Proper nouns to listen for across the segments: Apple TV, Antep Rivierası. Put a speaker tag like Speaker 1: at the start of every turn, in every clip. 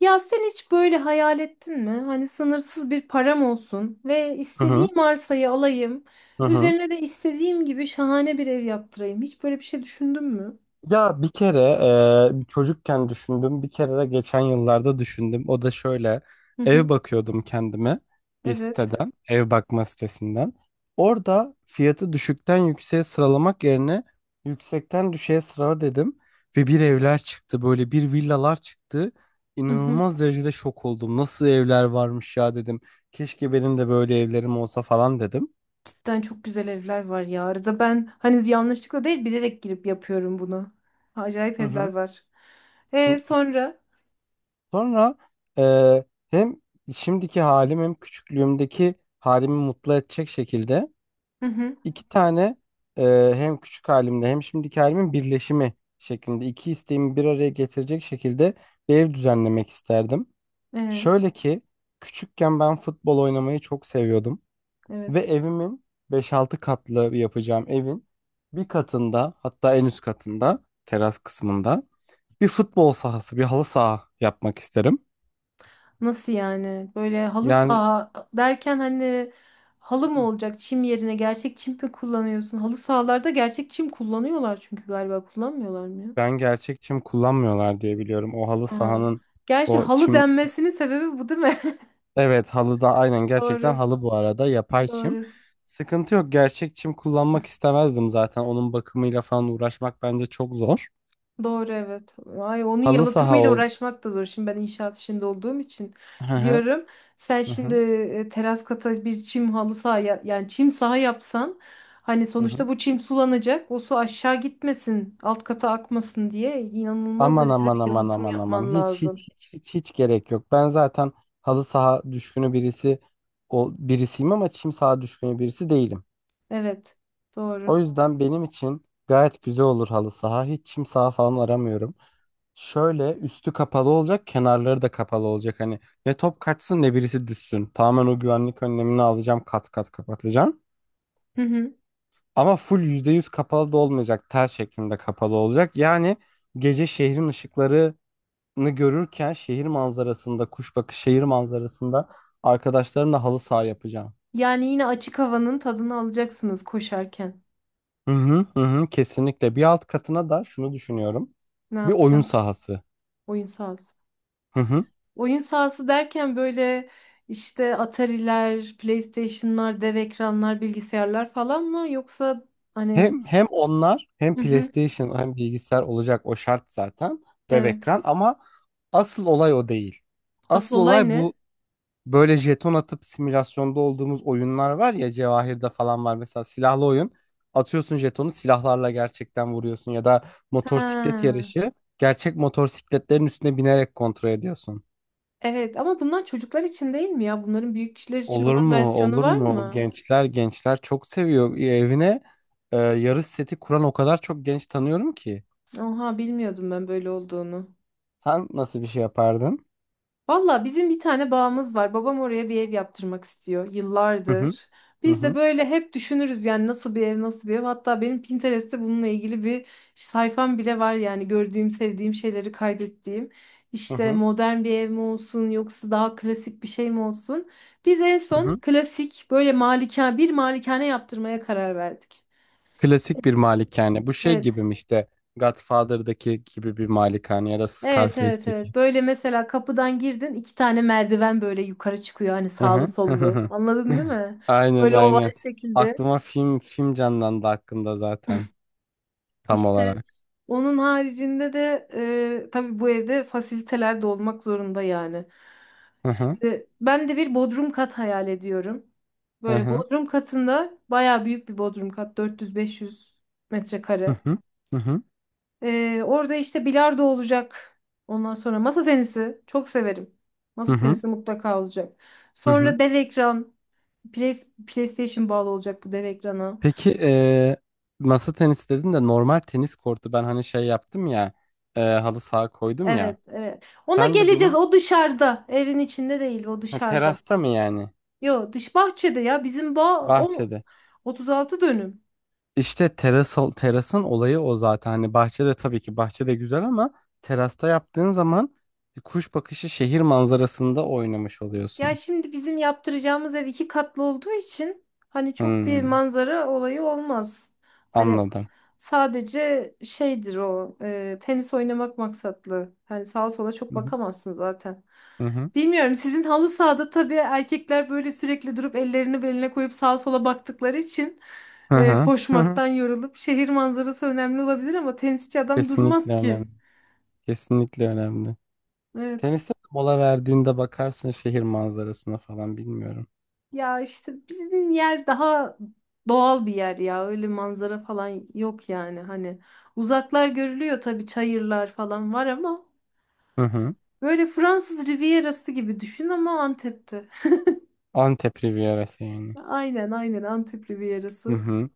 Speaker 1: Ya sen hiç böyle hayal ettin mi? Hani sınırsız bir param olsun ve
Speaker 2: Hı hı.
Speaker 1: istediğim arsayı alayım.
Speaker 2: Hı hı.
Speaker 1: Üzerine de istediğim gibi şahane bir ev yaptırayım. Hiç böyle bir şey düşündün mü?
Speaker 2: Ya bir kere çocukken düşündüm, bir kere de geçen yıllarda düşündüm. O da şöyle,
Speaker 1: Hı
Speaker 2: ev
Speaker 1: hı.
Speaker 2: bakıyordum kendime bir
Speaker 1: Evet.
Speaker 2: siteden, ev bakma sitesinden. Orada fiyatı düşükten yükseğe sıralamak yerine yüksekten düşüğe sırala dedim. Ve bir evler çıktı, böyle bir villalar çıktı.
Speaker 1: Hı hı.
Speaker 2: İnanılmaz derecede şok oldum. Nasıl evler varmış ya dedim. Keşke benim de böyle evlerim olsa falan dedim.
Speaker 1: Cidden çok güzel evler var ya. Arada ben hani yanlışlıkla değil bilerek girip yapıyorum bunu. Acayip
Speaker 2: Hı
Speaker 1: evler
Speaker 2: hı.
Speaker 1: var. E sonra?
Speaker 2: Sonra eee, hem şimdiki halim hem küçüklüğümdeki halimi mutlu edecek şekilde
Speaker 1: Hı hı.
Speaker 2: iki tane hem küçük halimde hem şimdiki halimin birleşimi şeklinde iki isteğimi bir araya getirecek şekilde bir ev düzenlemek isterdim.
Speaker 1: E,
Speaker 2: Şöyle ki küçükken ben futbol oynamayı çok seviyordum
Speaker 1: evet.
Speaker 2: ve evimin beş-altı katlı yapacağım evin bir katında, hatta en üst katında teras kısmında bir futbol sahası, bir halı saha yapmak isterim.
Speaker 1: Nasıl yani? Böyle halı
Speaker 2: Yani.
Speaker 1: saha derken hani halı mı
Speaker 2: Hı.
Speaker 1: olacak çim yerine gerçek çim mi kullanıyorsun? Halı sahalarda gerçek çim kullanıyorlar çünkü galiba kullanmıyorlar mı ya?
Speaker 2: Ben gerçek çim kullanmıyorlar diye biliyorum. O halı
Speaker 1: Ha.
Speaker 2: sahanın
Speaker 1: Gerçi
Speaker 2: o
Speaker 1: halı
Speaker 2: çim,
Speaker 1: denmesinin sebebi bu değil mi?
Speaker 2: evet, halı da aynen, gerçekten
Speaker 1: Doğru.
Speaker 2: halı bu arada, yapay çim.
Speaker 1: Doğru.
Speaker 2: Sıkıntı yok. Gerçek çim kullanmak istemezdim zaten. Onun bakımıyla falan uğraşmak bence çok zor.
Speaker 1: Doğru evet. Ay onun
Speaker 2: Halı saha
Speaker 1: yalıtımıyla
Speaker 2: ol.
Speaker 1: uğraşmak da zor. Şimdi ben inşaat işinde olduğum için
Speaker 2: Hı hı.
Speaker 1: biliyorum. Sen
Speaker 2: Hı
Speaker 1: şimdi
Speaker 2: hı.
Speaker 1: teras kata bir çim halı saha yani çim saha yapsan hani
Speaker 2: Hı hı.
Speaker 1: sonuçta bu çim sulanacak. O su aşağı gitmesin, alt kata akmasın diye inanılmaz
Speaker 2: Aman
Speaker 1: derecede
Speaker 2: aman
Speaker 1: bir
Speaker 2: aman
Speaker 1: yalıtım
Speaker 2: aman aman.
Speaker 1: yapman
Speaker 2: Hiç
Speaker 1: lazım.
Speaker 2: hiç hiç hiç hiç gerek yok. Ben zaten halı saha düşkünü birisi, o birisiyim, ama çim saha düşkünü birisi değilim.
Speaker 1: Evet. Doğru.
Speaker 2: O yüzden benim için gayet güzel olur halı saha. Hiç çim saha falan aramıyorum. Şöyle üstü kapalı olacak, kenarları da kapalı olacak. Hani ne top kaçsın ne birisi düşsün. Tamamen o güvenlik önlemini alacağım, kat kat kapatacağım.
Speaker 1: Hı hı.
Speaker 2: Ama full %100 kapalı da olmayacak, tel şeklinde kapalı olacak. Yani gece şehrin ışıklarını görürken, şehir manzarasında, kuş bakışı şehir manzarasında arkadaşlarımla halı saha yapacağım.
Speaker 1: Yani yine açık havanın tadını alacaksınız koşarken.
Speaker 2: Hı hı hı hı, kesinlikle. Bir alt katına da şunu düşünüyorum.
Speaker 1: Ne
Speaker 2: Bir oyun
Speaker 1: yapacağım?
Speaker 2: sahası.
Speaker 1: Oyun sahası.
Speaker 2: Hı hı.
Speaker 1: Oyun sahası derken böyle işte Atari'ler, PlayStation'lar, dev ekranlar, bilgisayarlar falan mı? Yoksa hani
Speaker 2: Hem onlar, hem
Speaker 1: hı hı,
Speaker 2: PlayStation hem bilgisayar olacak, o şart zaten, dev
Speaker 1: evet.
Speaker 2: ekran, ama asıl olay o değil.
Speaker 1: Asıl
Speaker 2: Asıl
Speaker 1: olay
Speaker 2: olay bu:
Speaker 1: ne?
Speaker 2: böyle jeton atıp simülasyonda olduğumuz oyunlar var ya, Cevahir'de falan var mesela, silahlı oyun. Atıyorsun jetonu, silahlarla gerçekten vuruyorsun, ya da motosiklet
Speaker 1: Ha,
Speaker 2: yarışı, gerçek motosikletlerin üstüne binerek kontrol ediyorsun.
Speaker 1: evet ama bunlar çocuklar için değil mi ya? Bunların büyük kişiler için
Speaker 2: Olur
Speaker 1: olan
Speaker 2: mu?
Speaker 1: versiyonu
Speaker 2: Olur
Speaker 1: var
Speaker 2: mu?
Speaker 1: mı?
Speaker 2: Gençler gençler çok seviyor. Evine yarış seti kuran o kadar çok genç tanıyorum ki.
Speaker 1: Oha bilmiyordum ben böyle olduğunu.
Speaker 2: Sen nasıl bir şey yapardın?
Speaker 1: Valla bizim bir tane bağımız var. Babam oraya bir ev yaptırmak istiyor
Speaker 2: Hı hı.
Speaker 1: yıllardır.
Speaker 2: Hı
Speaker 1: Biz de
Speaker 2: hı.
Speaker 1: böyle hep düşünürüz yani nasıl bir ev, nasıl bir ev. Hatta benim Pinterest'te bununla ilgili bir sayfam bile var yani gördüğüm, sevdiğim şeyleri kaydettiğim.
Speaker 2: Hı
Speaker 1: İşte
Speaker 2: hı.
Speaker 1: modern bir ev mi olsun yoksa daha klasik bir şey mi olsun? Biz en
Speaker 2: Hı
Speaker 1: son
Speaker 2: hı.
Speaker 1: klasik böyle malikane, bir malikane yaptırmaya karar verdik.
Speaker 2: Klasik bir malikane. Bu şey
Speaker 1: Evet.
Speaker 2: gibi mi işte, Godfather'daki gibi bir malikane, ya da
Speaker 1: Evet evet
Speaker 2: Scarface'deki.
Speaker 1: evet. Böyle mesela kapıdan girdin iki tane merdiven böyle yukarı çıkıyor hani
Speaker 2: Hı
Speaker 1: sağlı
Speaker 2: hı. Hı hı.
Speaker 1: sollu.
Speaker 2: Hı.
Speaker 1: Anladın değil mi?
Speaker 2: Aynen
Speaker 1: Böyle
Speaker 2: aynen.
Speaker 1: oval şekilde.
Speaker 2: Aklıma film film canlandı hakkında zaten, tam
Speaker 1: İşte
Speaker 2: olarak.
Speaker 1: onun haricinde de tabii bu evde fasiliteler de olmak zorunda yani.
Speaker 2: Hı hı.
Speaker 1: Şimdi ben de bir bodrum kat hayal ediyorum.
Speaker 2: Hı
Speaker 1: Böyle
Speaker 2: hı.
Speaker 1: bodrum katında bayağı büyük bir bodrum kat 400-500
Speaker 2: Hı
Speaker 1: metrekare.
Speaker 2: hı. Hı hı.
Speaker 1: Orada işte bilardo olacak. Ondan sonra masa tenisi. Çok severim.
Speaker 2: Hı
Speaker 1: Masa
Speaker 2: hı.
Speaker 1: tenisi mutlaka olacak.
Speaker 2: Hı hı.
Speaker 1: Sonra dev ekran. PlayStation bağlı olacak bu dev ekrana.
Speaker 2: Peki masa tenisi dedin de, normal tenis kortu ben hani şey yaptım ya, halı saha koydum ya.
Speaker 1: Evet, evet. Ona
Speaker 2: Sen de
Speaker 1: geleceğiz.
Speaker 2: benim,
Speaker 1: O dışarıda. Evin içinde değil, o
Speaker 2: ha,
Speaker 1: dışarıda.
Speaker 2: terasta mı yani?
Speaker 1: Yo, dış bahçede ya. Bizim bağ o
Speaker 2: Bahçede.
Speaker 1: 36 dönüm.
Speaker 2: İşte teras, terasın olayı o zaten. Hani bahçede, tabii ki bahçede güzel, ama terasta yaptığın zaman kuş bakışı şehir manzarasında oynamış
Speaker 1: Ya
Speaker 2: oluyorsun.
Speaker 1: şimdi bizim yaptıracağımız ev iki katlı olduğu için hani çok bir
Speaker 2: Hmm,
Speaker 1: manzara olayı olmaz. Hani
Speaker 2: anladım.
Speaker 1: sadece şeydir o tenis oynamak maksatlı. Hani sağa sola çok
Speaker 2: Hı hı.
Speaker 1: bakamazsın zaten.
Speaker 2: Hı hı.
Speaker 1: Bilmiyorum sizin halı sahada tabii erkekler böyle sürekli durup ellerini beline koyup sağa sola baktıkları için
Speaker 2: Hı hı. Hı hı.
Speaker 1: koşmaktan yorulup şehir manzarası önemli olabilir ama tenisçi adam
Speaker 2: Kesinlikle
Speaker 1: durmaz ki.
Speaker 2: önemli. Kesinlikle önemli.
Speaker 1: Evet.
Speaker 2: Teniste de mola verdiğinde bakarsın şehir manzarasına falan, bilmiyorum.
Speaker 1: Ya işte bizim yer daha doğal bir yer ya. Öyle manzara falan yok yani. Hani uzaklar görülüyor tabii çayırlar falan var ama
Speaker 2: Hı hı.
Speaker 1: böyle Fransız Rivierası gibi düşün ama Antep'te.
Speaker 2: Antep Rivierası yani.
Speaker 1: Aynen aynen Antep
Speaker 2: Hı
Speaker 1: Rivierası.
Speaker 2: hı.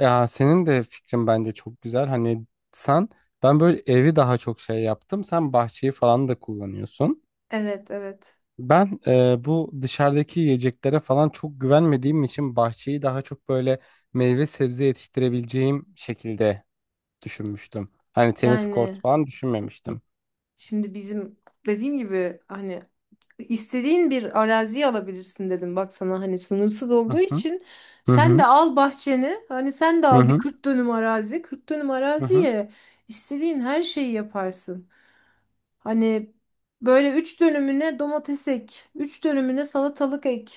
Speaker 2: Ya senin de fikrin bence çok güzel. Hani sen ben böyle evi daha çok şey yaptım. Sen bahçeyi falan da kullanıyorsun.
Speaker 1: Evet evet.
Speaker 2: Ben bu dışarıdaki yiyeceklere falan çok güvenmediğim için bahçeyi daha çok böyle meyve sebze yetiştirebileceğim şekilde düşünmüştüm. Hani tenis kortu
Speaker 1: Yani
Speaker 2: falan düşünmemiştim.
Speaker 1: şimdi bizim dediğim gibi hani istediğin bir arazi alabilirsin dedim bak sana hani sınırsız
Speaker 2: Hı
Speaker 1: olduğu
Speaker 2: hı.
Speaker 1: için
Speaker 2: Hı
Speaker 1: sen de
Speaker 2: hı.
Speaker 1: al bahçeni hani sen de
Speaker 2: Hı
Speaker 1: al bir
Speaker 2: hı.
Speaker 1: 40 dönüm arazi 40 dönüm
Speaker 2: Hı hı.
Speaker 1: araziye istediğin her şeyi yaparsın. Hani böyle 3 dönümüne domates ek, 3 dönümüne salatalık ek,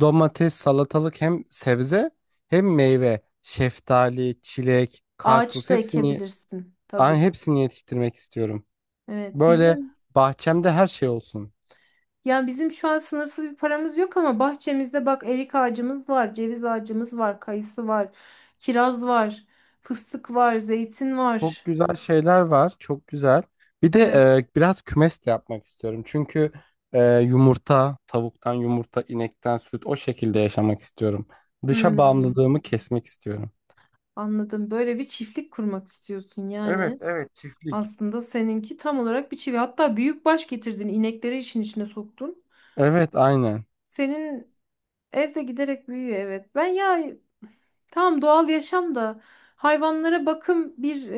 Speaker 2: Domates, salatalık, hem sebze hem meyve, şeftali, çilek,
Speaker 1: ağaç
Speaker 2: karpuz
Speaker 1: da
Speaker 2: hepsini,
Speaker 1: ekebilirsin tabii.
Speaker 2: ay, hepsini yetiştirmek istiyorum.
Speaker 1: Evet
Speaker 2: Böyle
Speaker 1: bizim
Speaker 2: bahçemde her şey olsun.
Speaker 1: ya bizim şu an sınırsız bir paramız yok ama bahçemizde bak erik ağacımız var, ceviz ağacımız var, kayısı var, kiraz var, fıstık var, zeytin
Speaker 2: Çok
Speaker 1: var.
Speaker 2: güzel şeyler var. Çok güzel. Bir de
Speaker 1: Evet.
Speaker 2: biraz kümes de yapmak istiyorum. Çünkü tavuktan yumurta, inekten süt, o şekilde yaşamak istiyorum. Dışa
Speaker 1: Hmm,
Speaker 2: bağımlılığımı kesmek istiyorum.
Speaker 1: anladım. Böyle bir çiftlik kurmak istiyorsun
Speaker 2: Evet,
Speaker 1: yani.
Speaker 2: evet, çiftlik.
Speaker 1: Aslında seninki tam olarak bir çiftlik. Hatta büyük baş getirdin, inekleri işin içine soktun.
Speaker 2: Evet, aynen.
Speaker 1: Senin ev de giderek büyüyor evet. Ben ya Tamam doğal yaşam da hayvanlara bakım bir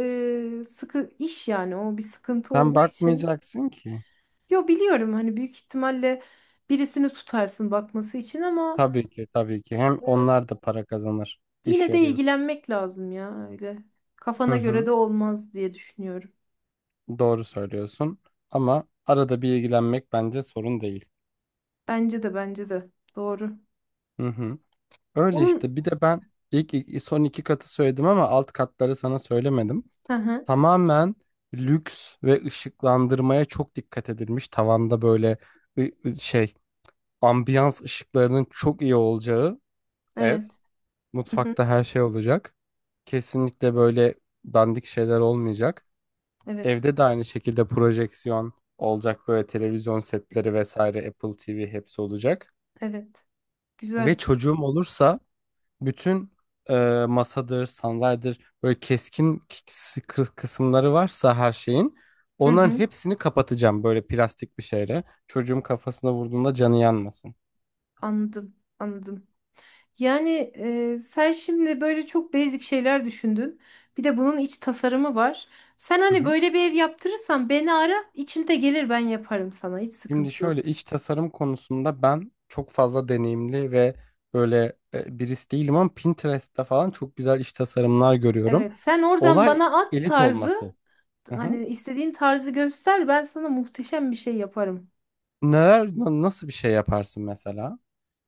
Speaker 1: sıkı iş yani o bir sıkıntı
Speaker 2: Sen
Speaker 1: olduğu için.
Speaker 2: bakmayacaksın ki.
Speaker 1: Yo biliyorum hani büyük ihtimalle birisini tutarsın bakması için ama
Speaker 2: Tabii ki, tabii ki. Hem
Speaker 1: e,
Speaker 2: onlar da para kazanır. İş
Speaker 1: yine de
Speaker 2: veriyorsun.
Speaker 1: ilgilenmek lazım ya öyle.
Speaker 2: Hı
Speaker 1: Kafana göre
Speaker 2: hı.
Speaker 1: de olmaz diye düşünüyorum.
Speaker 2: Doğru söylüyorsun. Ama arada bir ilgilenmek bence sorun değil.
Speaker 1: Bence de doğru.
Speaker 2: Hı hı. Öyle
Speaker 1: Onun
Speaker 2: işte. Bir de ben son iki katı söyledim ama alt katları sana söylemedim.
Speaker 1: hı hı
Speaker 2: Tamamen lüks ve ışıklandırmaya çok dikkat edilmiş. Tavanda böyle ı- ı- şey ambiyans ışıklarının çok iyi olacağı ev.
Speaker 1: evet. Hı hı
Speaker 2: Mutfakta her şey olacak. Kesinlikle böyle dandik şeyler olmayacak.
Speaker 1: evet.
Speaker 2: Evde de aynı şekilde projeksiyon olacak, böyle televizyon setleri vesaire, Apple TV, hepsi olacak.
Speaker 1: Evet.
Speaker 2: Ve
Speaker 1: Güzel.
Speaker 2: çocuğum olursa bütün masadır, sandalyedir, böyle keskin kısımları varsa her şeyin,
Speaker 1: Hı
Speaker 2: onların
Speaker 1: hı
Speaker 2: hepsini kapatacağım böyle plastik bir şeyle. Çocuğum kafasına vurduğunda canı yanmasın.
Speaker 1: anladım. Anladım. Yani sen şimdi böyle çok basic şeyler düşündün. Bir de bunun iç tasarımı var. Sen
Speaker 2: Hı
Speaker 1: hani
Speaker 2: hı.
Speaker 1: böyle bir ev yaptırırsan beni ara, içinde gelir ben yaparım sana. Hiç
Speaker 2: Şimdi
Speaker 1: sıkıntı yok.
Speaker 2: şöyle, iç tasarım konusunda ben çok fazla deneyimli ve böyle birisi değilim, ama Pinterest'te falan çok güzel iç tasarımlar görüyorum.
Speaker 1: Evet, sen oradan
Speaker 2: Olay
Speaker 1: bana at
Speaker 2: elit
Speaker 1: tarzı,
Speaker 2: olması. Hı hı.
Speaker 1: hani istediğin tarzı göster, ben sana muhteşem bir şey yaparım.
Speaker 2: Neler nasıl bir şey yaparsın mesela?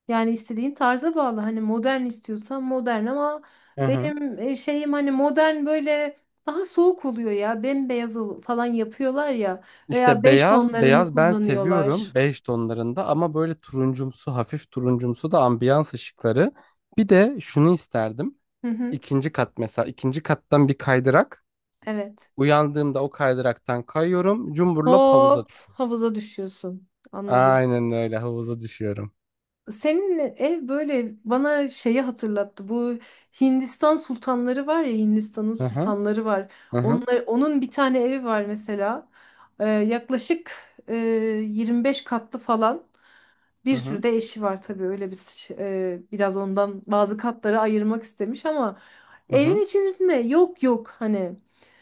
Speaker 1: Yani istediğin tarza bağlı. Hani modern istiyorsan modern ama
Speaker 2: Hı hı.
Speaker 1: benim şeyim hani modern böyle daha soğuk oluyor ya. Bembeyaz falan yapıyorlar ya veya
Speaker 2: İşte
Speaker 1: beş
Speaker 2: beyaz,
Speaker 1: tonlarını
Speaker 2: beyaz ben seviyorum,
Speaker 1: kullanıyorlar.
Speaker 2: bej tonlarında, ama böyle turuncumsu, hafif turuncumsu da ambiyans ışıkları. Bir de şunu isterdim.
Speaker 1: Hı hı,
Speaker 2: İkinci kat mesela, ikinci kattan bir kaydırak.
Speaker 1: evet.
Speaker 2: Uyandığımda o kaydıraktan kayıyorum, cumburlop havuza.
Speaker 1: Hop havuza düşüyorsun. Anladım.
Speaker 2: Aynen öyle havuza düşüyorum.
Speaker 1: Senin ev böyle bana şeyi hatırlattı. Bu Hindistan sultanları var ya Hindistan'ın
Speaker 2: Hı hı,
Speaker 1: sultanları var.
Speaker 2: hı hı,
Speaker 1: Onlar, onun bir tane evi var mesela. Yaklaşık e, 25 katlı falan. Bir
Speaker 2: hı
Speaker 1: sürü
Speaker 2: hı,
Speaker 1: de eşi var tabii öyle bir biraz ondan bazı katları ayırmak istemiş ama
Speaker 2: hı hı
Speaker 1: evin içerisinde yok yok hani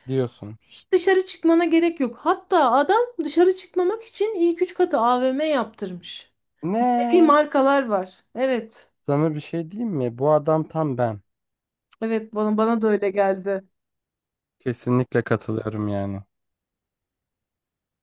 Speaker 2: diyorsun.
Speaker 1: hiç dışarı çıkmana gerek yok. Hatta adam dışarı çıkmamak için ilk üç katı AVM yaptırmış. İstediği
Speaker 2: Ne?
Speaker 1: markalar var. Evet.
Speaker 2: Sana bir şey diyeyim mi? Bu adam tam ben.
Speaker 1: Evet bana da öyle geldi.
Speaker 2: Kesinlikle katılıyorum yani.